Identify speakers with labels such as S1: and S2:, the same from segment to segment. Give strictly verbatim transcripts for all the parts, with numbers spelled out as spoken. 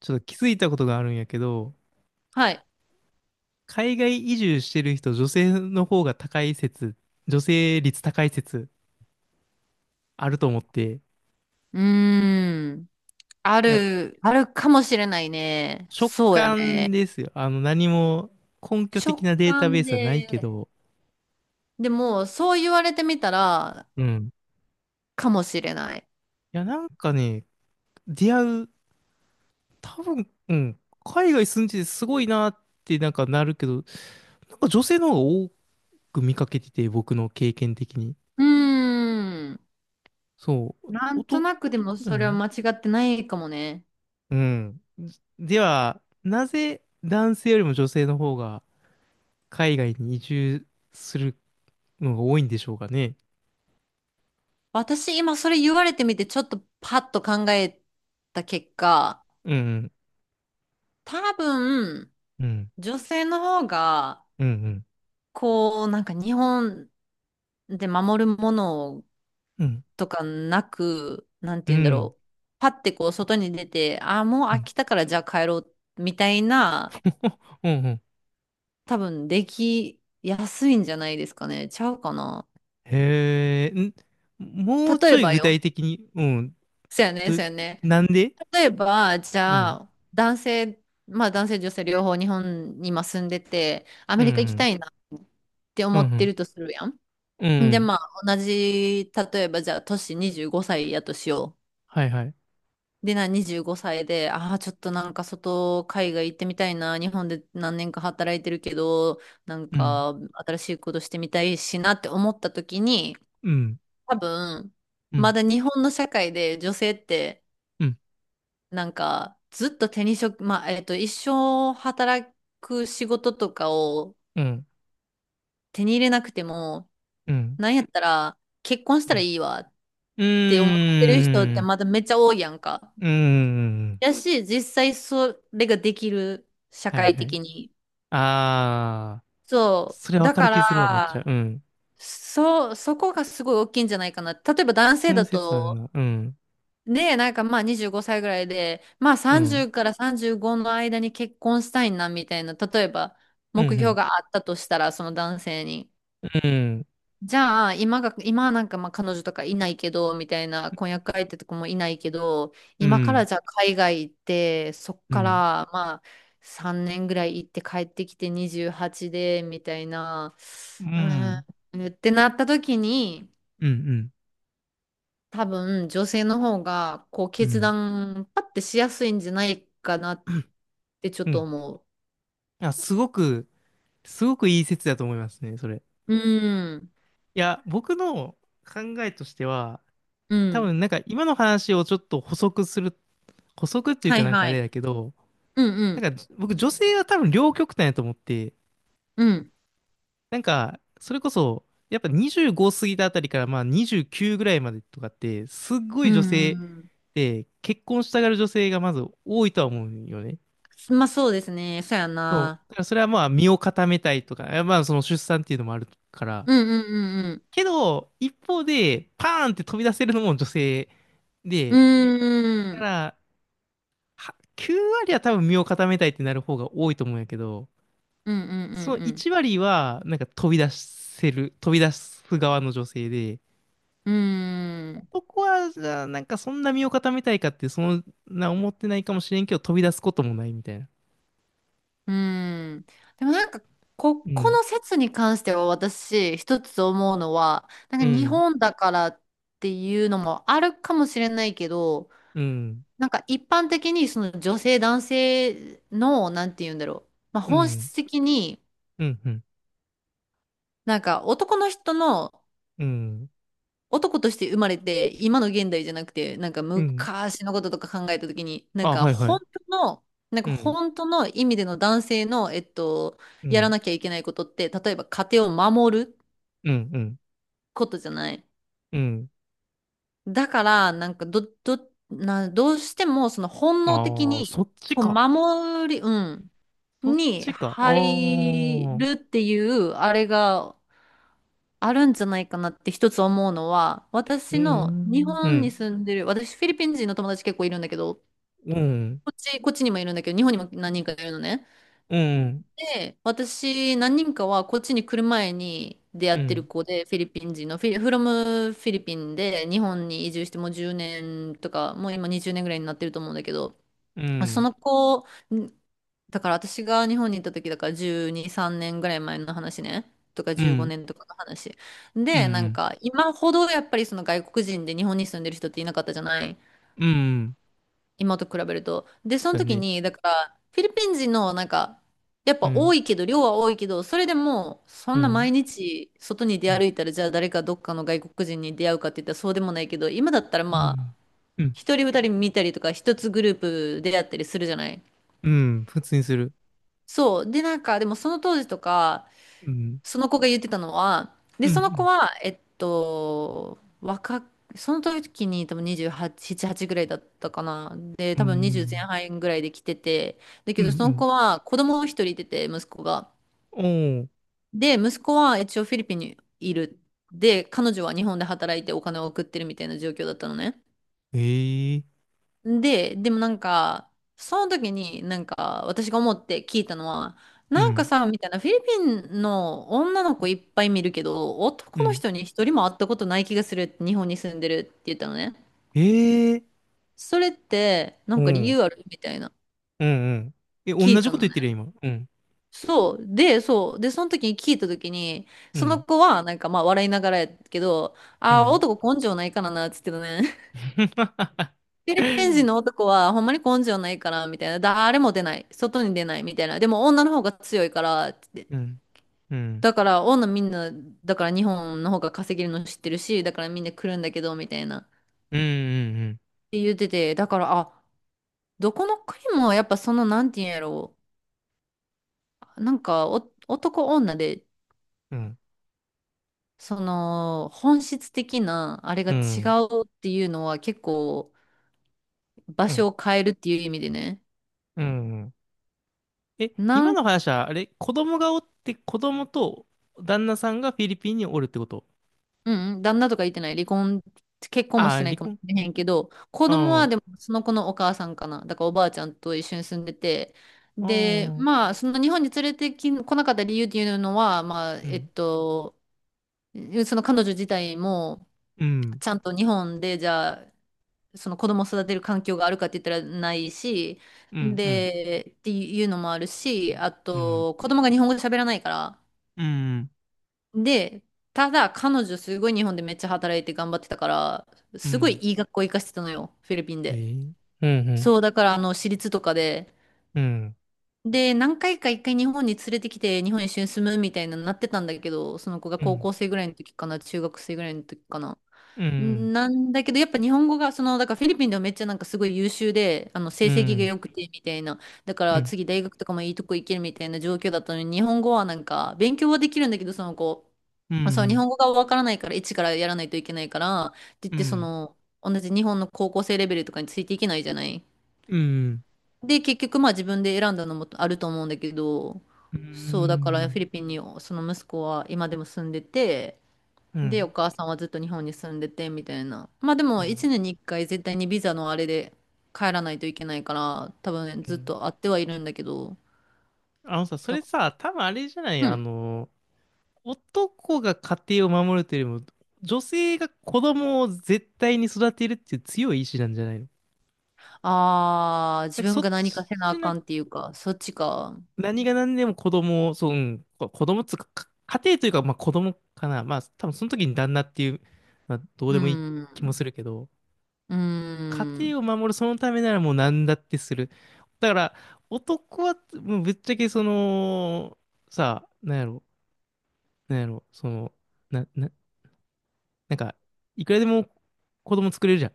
S1: ちょっと気づいたことがあるんやけど、
S2: はい。
S1: 海外移住してる人、女性の方が高い説、女性率高い説あると思って、
S2: うーん。あ
S1: いや、
S2: る、あるかもしれないね。
S1: 直
S2: そうや
S1: 感
S2: ね。
S1: ですよ。あの、何も根拠
S2: 直
S1: 的なデータベ
S2: 感
S1: ースはないけ
S2: で。
S1: ど、
S2: でも、そう言われてみたら、
S1: うん。い
S2: かもしれない。
S1: や、なんかね、出会う、多分、うん、海外住んでてすごいなってなんかなるけど、なんか女性の方が多く見かけてて、僕の経験的に。
S2: うーん。
S1: そう。
S2: なんと
S1: 男
S2: なくでも
S1: だ
S2: それは
S1: ね。
S2: 間違ってないかもね。
S1: うん。では、なぜ男性よりも女性の方が海外に移住するのが多いんでしょうかね。
S2: 私、今それ言われてみて、ちょっとパッと考えた結果、
S1: うん、
S2: 多分、
S1: うん、
S2: 女性の方が、
S1: うん、うん、
S2: こう、なんか日本で守るもの
S1: うん、
S2: とかなく、なん
S1: う
S2: て
S1: ん、う
S2: 言うんだ
S1: ん、
S2: ろう。パッてこう外に出て、ああ、もう飽きたからじゃあ帰ろうみたいな、
S1: うん、うん。
S2: 多分できやすいんじゃないですかね。ちゃうかな。
S1: へえ、んもう
S2: 例
S1: ちょ
S2: え
S1: い
S2: ば
S1: 具
S2: よ。
S1: 体的に、うん、
S2: そうやね、
S1: ど、
S2: そうやね。
S1: なんで
S2: 例えば、じ
S1: う
S2: ゃ
S1: ん、
S2: あ、男性、まあ男性女性両方日本に今住んでて、ア
S1: う
S2: メリカ行きた
S1: ん、
S2: いなって
S1: う
S2: 思
S1: ん、う
S2: って
S1: ん、
S2: るとするやん。
S1: う
S2: で、
S1: ん、
S2: まあ同じ、例えばじゃあ、年にじゅうごさいやとしよう。
S1: はいはい。
S2: で、な、にじゅうごさいで、ああ、ちょっとなんか外、海外行ってみたいな、日本で何年か働いてるけど、なん
S1: うん、
S2: か新しいことしてみたいしなって思った時に、
S1: うん、
S2: 多分、
S1: う
S2: ま
S1: ん、
S2: だ日本の社会で女性って、
S1: うん、
S2: なんかずっと手に職、まあ、えっと、一生働く仕事とかを
S1: うん、
S2: 手に入れなくても、
S1: うん、
S2: なんやったら結婚し
S1: う
S2: たら
S1: ん、
S2: いいわっ
S1: う
S2: て思ってる人っ
S1: ー
S2: て
S1: ん、
S2: まだめっちゃ多いやんか。
S1: うーん、
S2: やし、実際それができる、社
S1: はい
S2: 会
S1: はい。
S2: 的に。
S1: ああ。
S2: そ
S1: それ
S2: う。
S1: わ
S2: だ
S1: かる
S2: か
S1: 気するわ、めっち
S2: ら、
S1: ゃ。うん。
S2: そう、そこがすごい大きいんじゃないかな。例えば男
S1: そ
S2: 性
S1: の
S2: だ
S1: 説ある
S2: と、
S1: な。うん。
S2: ね、なんかまあにじゅうごさいぐらいで、まあ
S1: うん。
S2: さんじゅうからさんじゅうごの間に結婚したいなみたいな、例えば
S1: う
S2: 目標
S1: ん。
S2: があったとしたら、その男性に。
S1: うん。
S2: じゃあ、今が、今はなんかまあ彼女とかいないけど、みたいな婚約相手とかもいないけど、
S1: う
S2: 今から
S1: ん。
S2: じゃあ海外行って、そっ
S1: う
S2: か
S1: ん。
S2: らまあさんねんぐらい行って帰ってきてにじゅうはちで、みたいな、
S1: う
S2: うー
S1: ん。
S2: ん、ってなった時に、
S1: うん。
S2: 多分女性の方がこう
S1: う
S2: 決
S1: ん。
S2: 断パッてしやすいんじゃないかなってちょっ
S1: う
S2: と
S1: ん。
S2: 思
S1: あ、すごく、すごくいい説だと思いますね、それ。
S2: う。うん、
S1: いや、僕の考えとしては、
S2: う
S1: 多
S2: ん。
S1: 分なんか今の話をちょっと補足する、補足っていう
S2: は
S1: か
S2: い
S1: なんかあ
S2: は
S1: れ
S2: い。
S1: だけど、
S2: うんうん。
S1: なんか僕女性は多分両極端やと思って、
S2: うん。
S1: なんか、それこそ、やっぱにじゅうご過ぎたあたりから、まあにじゅうきゅうぐらいまでとかって、すっご
S2: う
S1: い
S2: ん
S1: 女性
S2: うん。
S1: で、結婚したがる女性がまず多いとは思うよね。
S2: まあそうですね。そうや
S1: そう。
S2: な。
S1: だからそれはまあ身を固めたいとか、まあその出産っていうのもあるから。
S2: うんうんうん
S1: けど、一方で、パーンって飛び出せるのも女性
S2: う
S1: で、
S2: ん。う
S1: だ
S2: ー
S1: か
S2: ん、
S1: ら、はきゅう割は多分身を固めたいってなる方が多いと思うんやけど、
S2: うんうん
S1: その
S2: うん。
S1: いち割は、なんか飛び出せる、飛び出す側の女性で、
S2: うんうーん、
S1: 男は、じゃあ、なんかそんな身を固めたいかって、そんな思ってないかもしれんけど、飛び出すこともないみたいな。
S2: うんん。でもなんか、こ、
S1: う
S2: こ
S1: ん、
S2: の説に関しては私、一つ思うのは、な
S1: う
S2: んか日
S1: ん、
S2: 本だからっていうのもあるかもしれないけど、
S1: うん、
S2: なんか一般的にその女性男性の、なんて言うんだろう。まあ
S1: う
S2: 本
S1: ん、
S2: 質的に、
S1: うん、うん、
S2: なんか男の人の
S1: うん、
S2: 男として生まれて、今の現代じゃなくて、なんか
S1: うん。
S2: 昔のこととか考えたときに、なん
S1: あ、
S2: か
S1: はいは
S2: 本
S1: い。
S2: 当の、なん
S1: う
S2: か
S1: ん、
S2: 本当の意味での男性の、えっと、
S1: う
S2: やら
S1: ん、
S2: なきゃいけないことって、例えば家庭を守る
S1: うん、うん、
S2: ことじゃない。
S1: うん。
S2: だから、なんかど、ど、な、どうしてもその本能的
S1: ああ、そ
S2: に、
S1: っち
S2: こう
S1: か。
S2: 守り、うん、
S1: そっ
S2: に
S1: ちか。ああ、う
S2: 入
S1: ん、
S2: るっていう、あれが、あるんじゃないかなって一つ思うのは、
S1: う
S2: 私の日
S1: ん、う
S2: 本に
S1: ん、
S2: 住んでる、私フィリピン人の友達結構いるんだけど、
S1: うん、
S2: こっち、こっちにもいるんだけど、日本にも何人かいるのね。
S1: うん、
S2: で、私何人かはこっちに来る前に出会
S1: う
S2: ってる
S1: ん、
S2: 子で、フィリピン人の、フィリ、フロムフィリピンで日本に移住してもうじゅうねんとか、もう今にじゅうねんぐらいになってると思うんだけど、
S1: う
S2: そ
S1: ん、
S2: の子だから私が日本に行った時だからじゅうに、さんねんぐらい前の話ね。とかじゅうごねんとかの話。
S1: う
S2: で、なん
S1: ん、
S2: か今ほどやっぱりその外国人で日本に住んでる人っていなかったじゃない。
S1: うん。
S2: 今と比べると。で、その
S1: だ
S2: 時
S1: ね。
S2: に、だからフィリピン人のなんか、やっ
S1: う
S2: ぱ多
S1: ん、
S2: いけど、量は多いけど、それでもそ
S1: う
S2: んな
S1: ん、
S2: 毎日外に出
S1: うん、
S2: 歩いたらじゃあ誰かどっかの外国人に出会うかって言ったらそうでもないけど、今だったら
S1: う
S2: まあ、
S1: ん、うん、
S2: 一人二人見たりとか一つグループ出会ったりするじゃない。
S1: うん。普通にする。
S2: そう。で、なんか、でもその当時とか、
S1: うん、
S2: その子が言ってたのは、で、
S1: う
S2: その子
S1: ん、
S2: は、えっと、若く、その時に多分にじゅうはち、なな、はちぐらいだったかな。で、
S1: う
S2: 多分にじゅう前
S1: ん、
S2: 半ぐらいで来てて、だ
S1: う
S2: け
S1: ん、う
S2: どその
S1: ん、
S2: 子は子供を一人いてて、息子が。
S1: うんおー、
S2: で、息子は一応フィリピンにいる。で、彼女は日本で働いてお金を送ってるみたいな状況だったのね。
S1: ええ
S2: で、でもなんか、その時になんか私が思って聞いたのは、
S1: う
S2: なんか
S1: ん、
S2: さ、みたいな、フィリピンの女の子いっぱい見るけど、
S1: う
S2: 男の
S1: ん、
S2: 人に一人も会ったことない気がするって日本に住んでるって言ったのね。
S1: ええ
S2: それって、な
S1: お
S2: んか理
S1: ー、
S2: 由あるみたいな、
S1: うん、うん。え、
S2: 聞
S1: 同
S2: い
S1: じ
S2: た
S1: こと
S2: の
S1: 言っ
S2: ね。
S1: てるよ、今。うん、
S2: そう。で、そう。で、その時に聞いた時に、
S1: う
S2: その
S1: ん、
S2: 子はなんかまあ笑いながらやけど、
S1: う
S2: ああ、
S1: ん。
S2: 男根性ないからな、っつってたね。フィリピン人の男はほんまに根性ないから、みたいな。誰も出ない。外に出ない、みたいな。でも女の方が強いから、って
S1: うん、うん、
S2: だから女みんな、だから日本の方が稼げるの知ってるし、だからみんな来るんだけど、みたいな。っ
S1: うん、うん、
S2: て言ってて、だから、あ、どこの国もやっぱその、なんて言うんやろう。なんかお、男女で、
S1: うん、うん、
S2: その、本質的な、あれが
S1: う
S2: 違
S1: ん、
S2: うっていうのは結構、場
S1: う
S2: 所
S1: ん。
S2: を変えるっていう意味でね。
S1: うんえ、
S2: な
S1: 今
S2: ん
S1: の話は、あれ、子供がおって、子供と旦那さんがフィリピンにおるってこと
S2: うんうん、旦那とか言ってない。離婚、結婚もし
S1: あ
S2: て
S1: ー、
S2: な
S1: 離
S2: いかもし
S1: 婚。
S2: れへんけど、子供は
S1: あ
S2: でもその子のお母さんかな。だからおばあちゃんと一緒に住んでて。
S1: あ、あ
S2: で、
S1: あ、
S2: まあ、その日本に連れてき、来なかった理由っていうのは、まあ、
S1: う
S2: えっ
S1: ん、
S2: と、その彼女自体も、
S1: うん、
S2: ちゃんと日本で、じゃあ、その子供を育てる環境があるかって言ったらないし、
S1: うん、うん、うん。
S2: で、っていうのもあるし、あ
S1: うん
S2: と、子供が日本語喋らないから、
S1: うん
S2: で、ただ彼女すごい日本でめっちゃ働いて頑張ってたから、
S1: う
S2: すごい
S1: ん。
S2: いい学校行かしてたのよ、フィリピン
S1: え
S2: で。
S1: ー、うん、うん、
S2: そう、だからあの、私立とかで。
S1: うん、
S2: で、何回か一回日本に連れてきて、日本一緒に住むみたいなのなってたんだけど、その子が
S1: う
S2: 高
S1: ん、
S2: 校生ぐらいの時かな、中学生ぐらいの時かな。
S1: うん、
S2: なんだけど、やっぱ日本語が、その、だからフィリピンではめっちゃなんかすごい優秀で、あの、成
S1: う
S2: 績が
S1: ん、
S2: 良くてみたいな、だか
S1: うん、う
S2: ら
S1: ん、
S2: 次大学とかもいいとこ行けるみたいな状況だったのに、日本語はなんか、勉強はできるんだけど、その子、
S1: う
S2: そう、日
S1: ん、
S2: 本語がわからないから、一からやらないといけないから、って言っ
S1: う
S2: て、そ
S1: ん、
S2: の、同じ日本の高校生レベルとかについていけないじゃない。
S1: うん、
S2: で、結局まあ自分で選んだのもあると思うんだけど、そう、だからフィリピンにその息子は今でも住んでて、
S1: う
S2: で、お
S1: ん、
S2: 母さんはずっと日本に住んでて、みたいな。まあでも、1
S1: う
S2: 年にいっかい絶対にビザのあれで帰らないといけないから、多分
S1: ん。
S2: ずっと会ってはいるんだけど、
S1: あのさ、そ
S2: だ
S1: れさ、多分あれじゃない、
S2: う
S1: あ
S2: ん。
S1: の、男が家庭を守るというよりも、女性が子供を絶対に育てるっていう強い意志なんじゃないの
S2: ああ、
S1: な
S2: 自
S1: んかそ
S2: 分
S1: っ
S2: が何かせなあ
S1: ちな
S2: かんっていうか、そっちか。
S1: 何が何でも子供を、そう、うん、こ子供っつうか、か家庭というか、まあ子供かな。まあ多分その時に旦那っていう、まあどう
S2: う
S1: でもいい気もす
S2: ん。
S1: るけど、
S2: う
S1: 家
S2: ん。
S1: 庭を守るそのためならもう何だってする。だから、男は、もうぶっちゃけその、さあ、なんやろ、なんやろ、その、な、な、なんか、いくらでも子供作れるじゃん。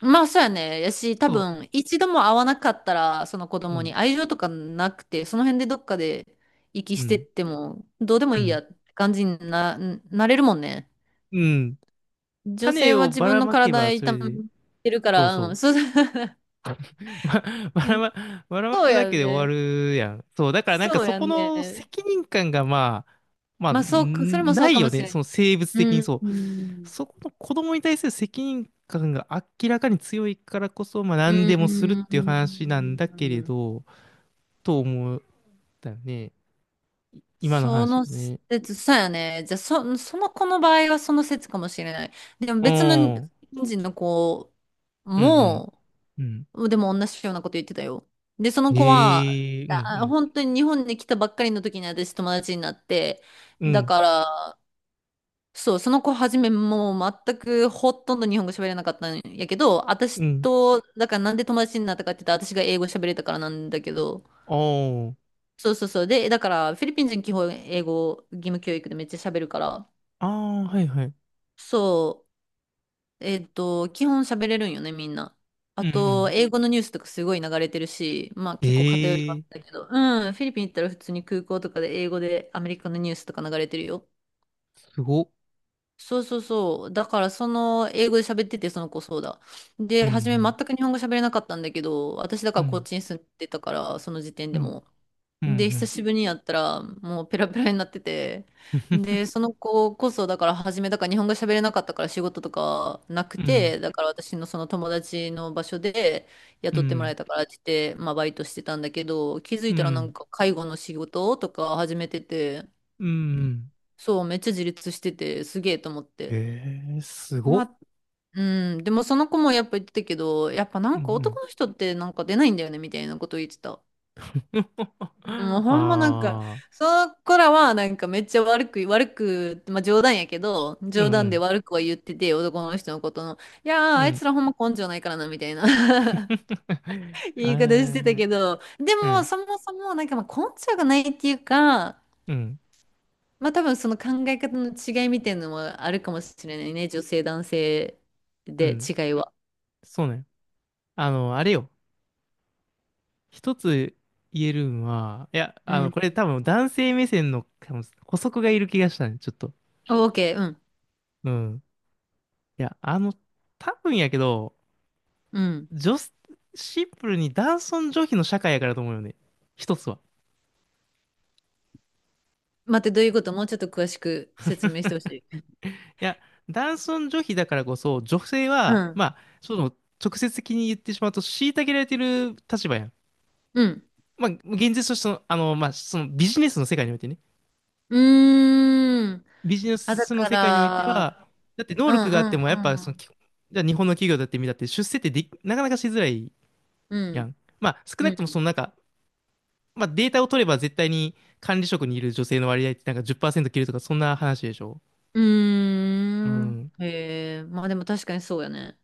S2: まあそうやね。やし、多
S1: そ
S2: 分、一度も会わなかったら、その子
S1: う、う
S2: 供
S1: ん、
S2: に愛情とかなくて、その辺でどっかで息
S1: う
S2: してっ
S1: ん、
S2: ても、どうでも
S1: う
S2: いい
S1: ん、
S2: やって感じにな、なれるもんね。
S1: うん。
S2: 女
S1: 種
S2: 性は
S1: を
S2: 自
S1: ば
S2: 分
S1: ら
S2: の
S1: まけ
S2: 体
S1: ばそ
S2: 痛
S1: れ
S2: め
S1: で、
S2: てるか
S1: そうそ
S2: ら、うん、
S1: う。
S2: そう、
S1: ば、ば
S2: う
S1: ら
S2: ん、
S1: ま、ばらま
S2: そう
S1: くだ
S2: や
S1: けで終わ
S2: ね。
S1: るやん。そう、だからなんか
S2: そう
S1: そ
S2: や
S1: この
S2: ね。
S1: 責任感がまあ、まあ、
S2: まあ、そうか、それ
S1: ん
S2: もそ
S1: な
S2: う
S1: い
S2: かも
S1: よ
S2: し
S1: ね。
S2: れな
S1: その
S2: い。
S1: 生物的
S2: う
S1: に
S2: ん。
S1: そ
S2: う
S1: う。
S2: ん。
S1: そこの子供に対する責任感が明らかに強いからこそ、まあ
S2: う
S1: 何でもするっていう話なんだけれ
S2: ん。
S1: ど、と思ったよね。い今の
S2: そ
S1: 話よ
S2: の
S1: ね。
S2: 説、そうやね。じゃあ、そ、その子の場合はその説かもしれない。でも
S1: う
S2: 別の
S1: ん。
S2: 日
S1: うん
S2: 本人の子
S1: うん
S2: も、
S1: うん。
S2: でも同じようなこと言ってたよ。で、その子は、
S1: ええうんう
S2: あ、
S1: ん。
S2: 本当に日本に来たばっかりの時に私友達になって、
S1: う
S2: だ
S1: ん
S2: から、そう、その子はじめもう全くほとんど日本語喋れなかったんやけど、
S1: う
S2: 私
S1: ん。
S2: と、だからなんで友達になったかって言ったら私が英語喋れたからなんだけど、
S1: あ
S2: そうそうそう。で、だからフィリピン人基本英語義務教育でめっちゃ喋るから、
S1: あ。ああ、はいはい。
S2: そう、えっと、基本喋れるんよね、みんな。
S1: う
S2: あ
S1: んう
S2: と、
S1: ん。
S2: 英語のニュースとかすごい流れてるし、まあ結構偏りはあっ
S1: ええ
S2: たけど、うん、フィリピン行ったら普通に空港とかで英語でアメリカのニュースとか流れてるよ。
S1: すごっ。
S2: そうそうそう。だから、その、英語で喋ってて、その子そうだ。
S1: う
S2: で、初め全
S1: ん、
S2: く日本語喋れなかったんだけど、私だ
S1: う
S2: からこっ
S1: ん、
S2: ちに住んでたから、その時点
S1: う
S2: で
S1: ん、
S2: も。
S1: うん、う
S2: で、久
S1: ん、
S2: しぶりにやったら、もうペラペラになってて。で、その子こそ、だから初め、だから日本語喋れなかったから仕事とかなく
S1: うん、
S2: て、だから私のその友達の場所で
S1: う
S2: 雇ってもらえ
S1: ん、
S2: たからって言って、まあバイトしてたんだけど、気づい
S1: う
S2: たらなん
S1: ん。
S2: か介護の仕事とか始めてて、
S1: うん
S2: そう、めっちゃ自立してて、すげえと思って。
S1: ええ、すごっ。
S2: うん、でもその子もやっぱ言ってたけど、やっぱな
S1: うん、
S2: ん
S1: う
S2: か
S1: ん。
S2: 男の人ってなんか出ないんだよねみたいなことを言ってた。もうん、
S1: あ
S2: ほんまなんか、
S1: あ、
S2: その子らはなんかめっちゃ悪く、悪く、まあ冗談やけど、
S1: う
S2: 冗談で
S1: ん、
S2: 悪くは言ってて、男の人のことの、いやー、
S1: うん、う
S2: あい
S1: ん。
S2: つらほんま根性ないからな、みたいな
S1: あ
S2: 言い方してた
S1: ー
S2: けど、で
S1: う
S2: も
S1: ん、
S2: そもそもなんかまあ根性がないっていうか、
S1: うん、
S2: まあ多分その考え方の違いみたいなのもあるかもしれないね、女性男性
S1: う
S2: で
S1: ん。
S2: 違いは。
S1: そうね。あの、あれよ。一つ言えるんは、いや、あ
S2: う
S1: の、これ
S2: ん。
S1: 多分男性目線の多分補足がいる気がしたね、ちょっと。
S2: オーケー、うん。
S1: うん。いや、あの、多分やけど、
S2: うん。
S1: 女子、シンプルに男尊女卑の社会やからと思うよね。一つは。
S2: 待って、どういうこともうちょっと詳しく説明してほしい。
S1: いや、男尊女卑だからこそ、女性
S2: う
S1: は、
S2: ん。
S1: まあ、その、直接的に言ってしまうと、虐げられてる立場やん。
S2: うん。
S1: まあ、現実としての、あの、まあ、そのビジネスの世界においてね。
S2: うーん。
S1: ビジネ
S2: あ、だ
S1: スの
S2: か
S1: 世界において
S2: ら、
S1: は、だって能
S2: うん、
S1: 力があって
S2: う
S1: も、やっぱ、その、
S2: ん、
S1: きじゃあ日本の企業だってみたって、出世ってでき、なかなかしづらい
S2: う
S1: や
S2: ん。
S1: ん。まあ、少
S2: うん。
S1: な
S2: う
S1: くともそ
S2: ん。
S1: の、なんか、まあ、データを取れば絶対に管理職にいる女性の割合ってなんかじっパーセント切るとか、そんな話でしょ。
S2: うー
S1: う
S2: ん。
S1: ん。
S2: へえ。まあでも確かにそうやね。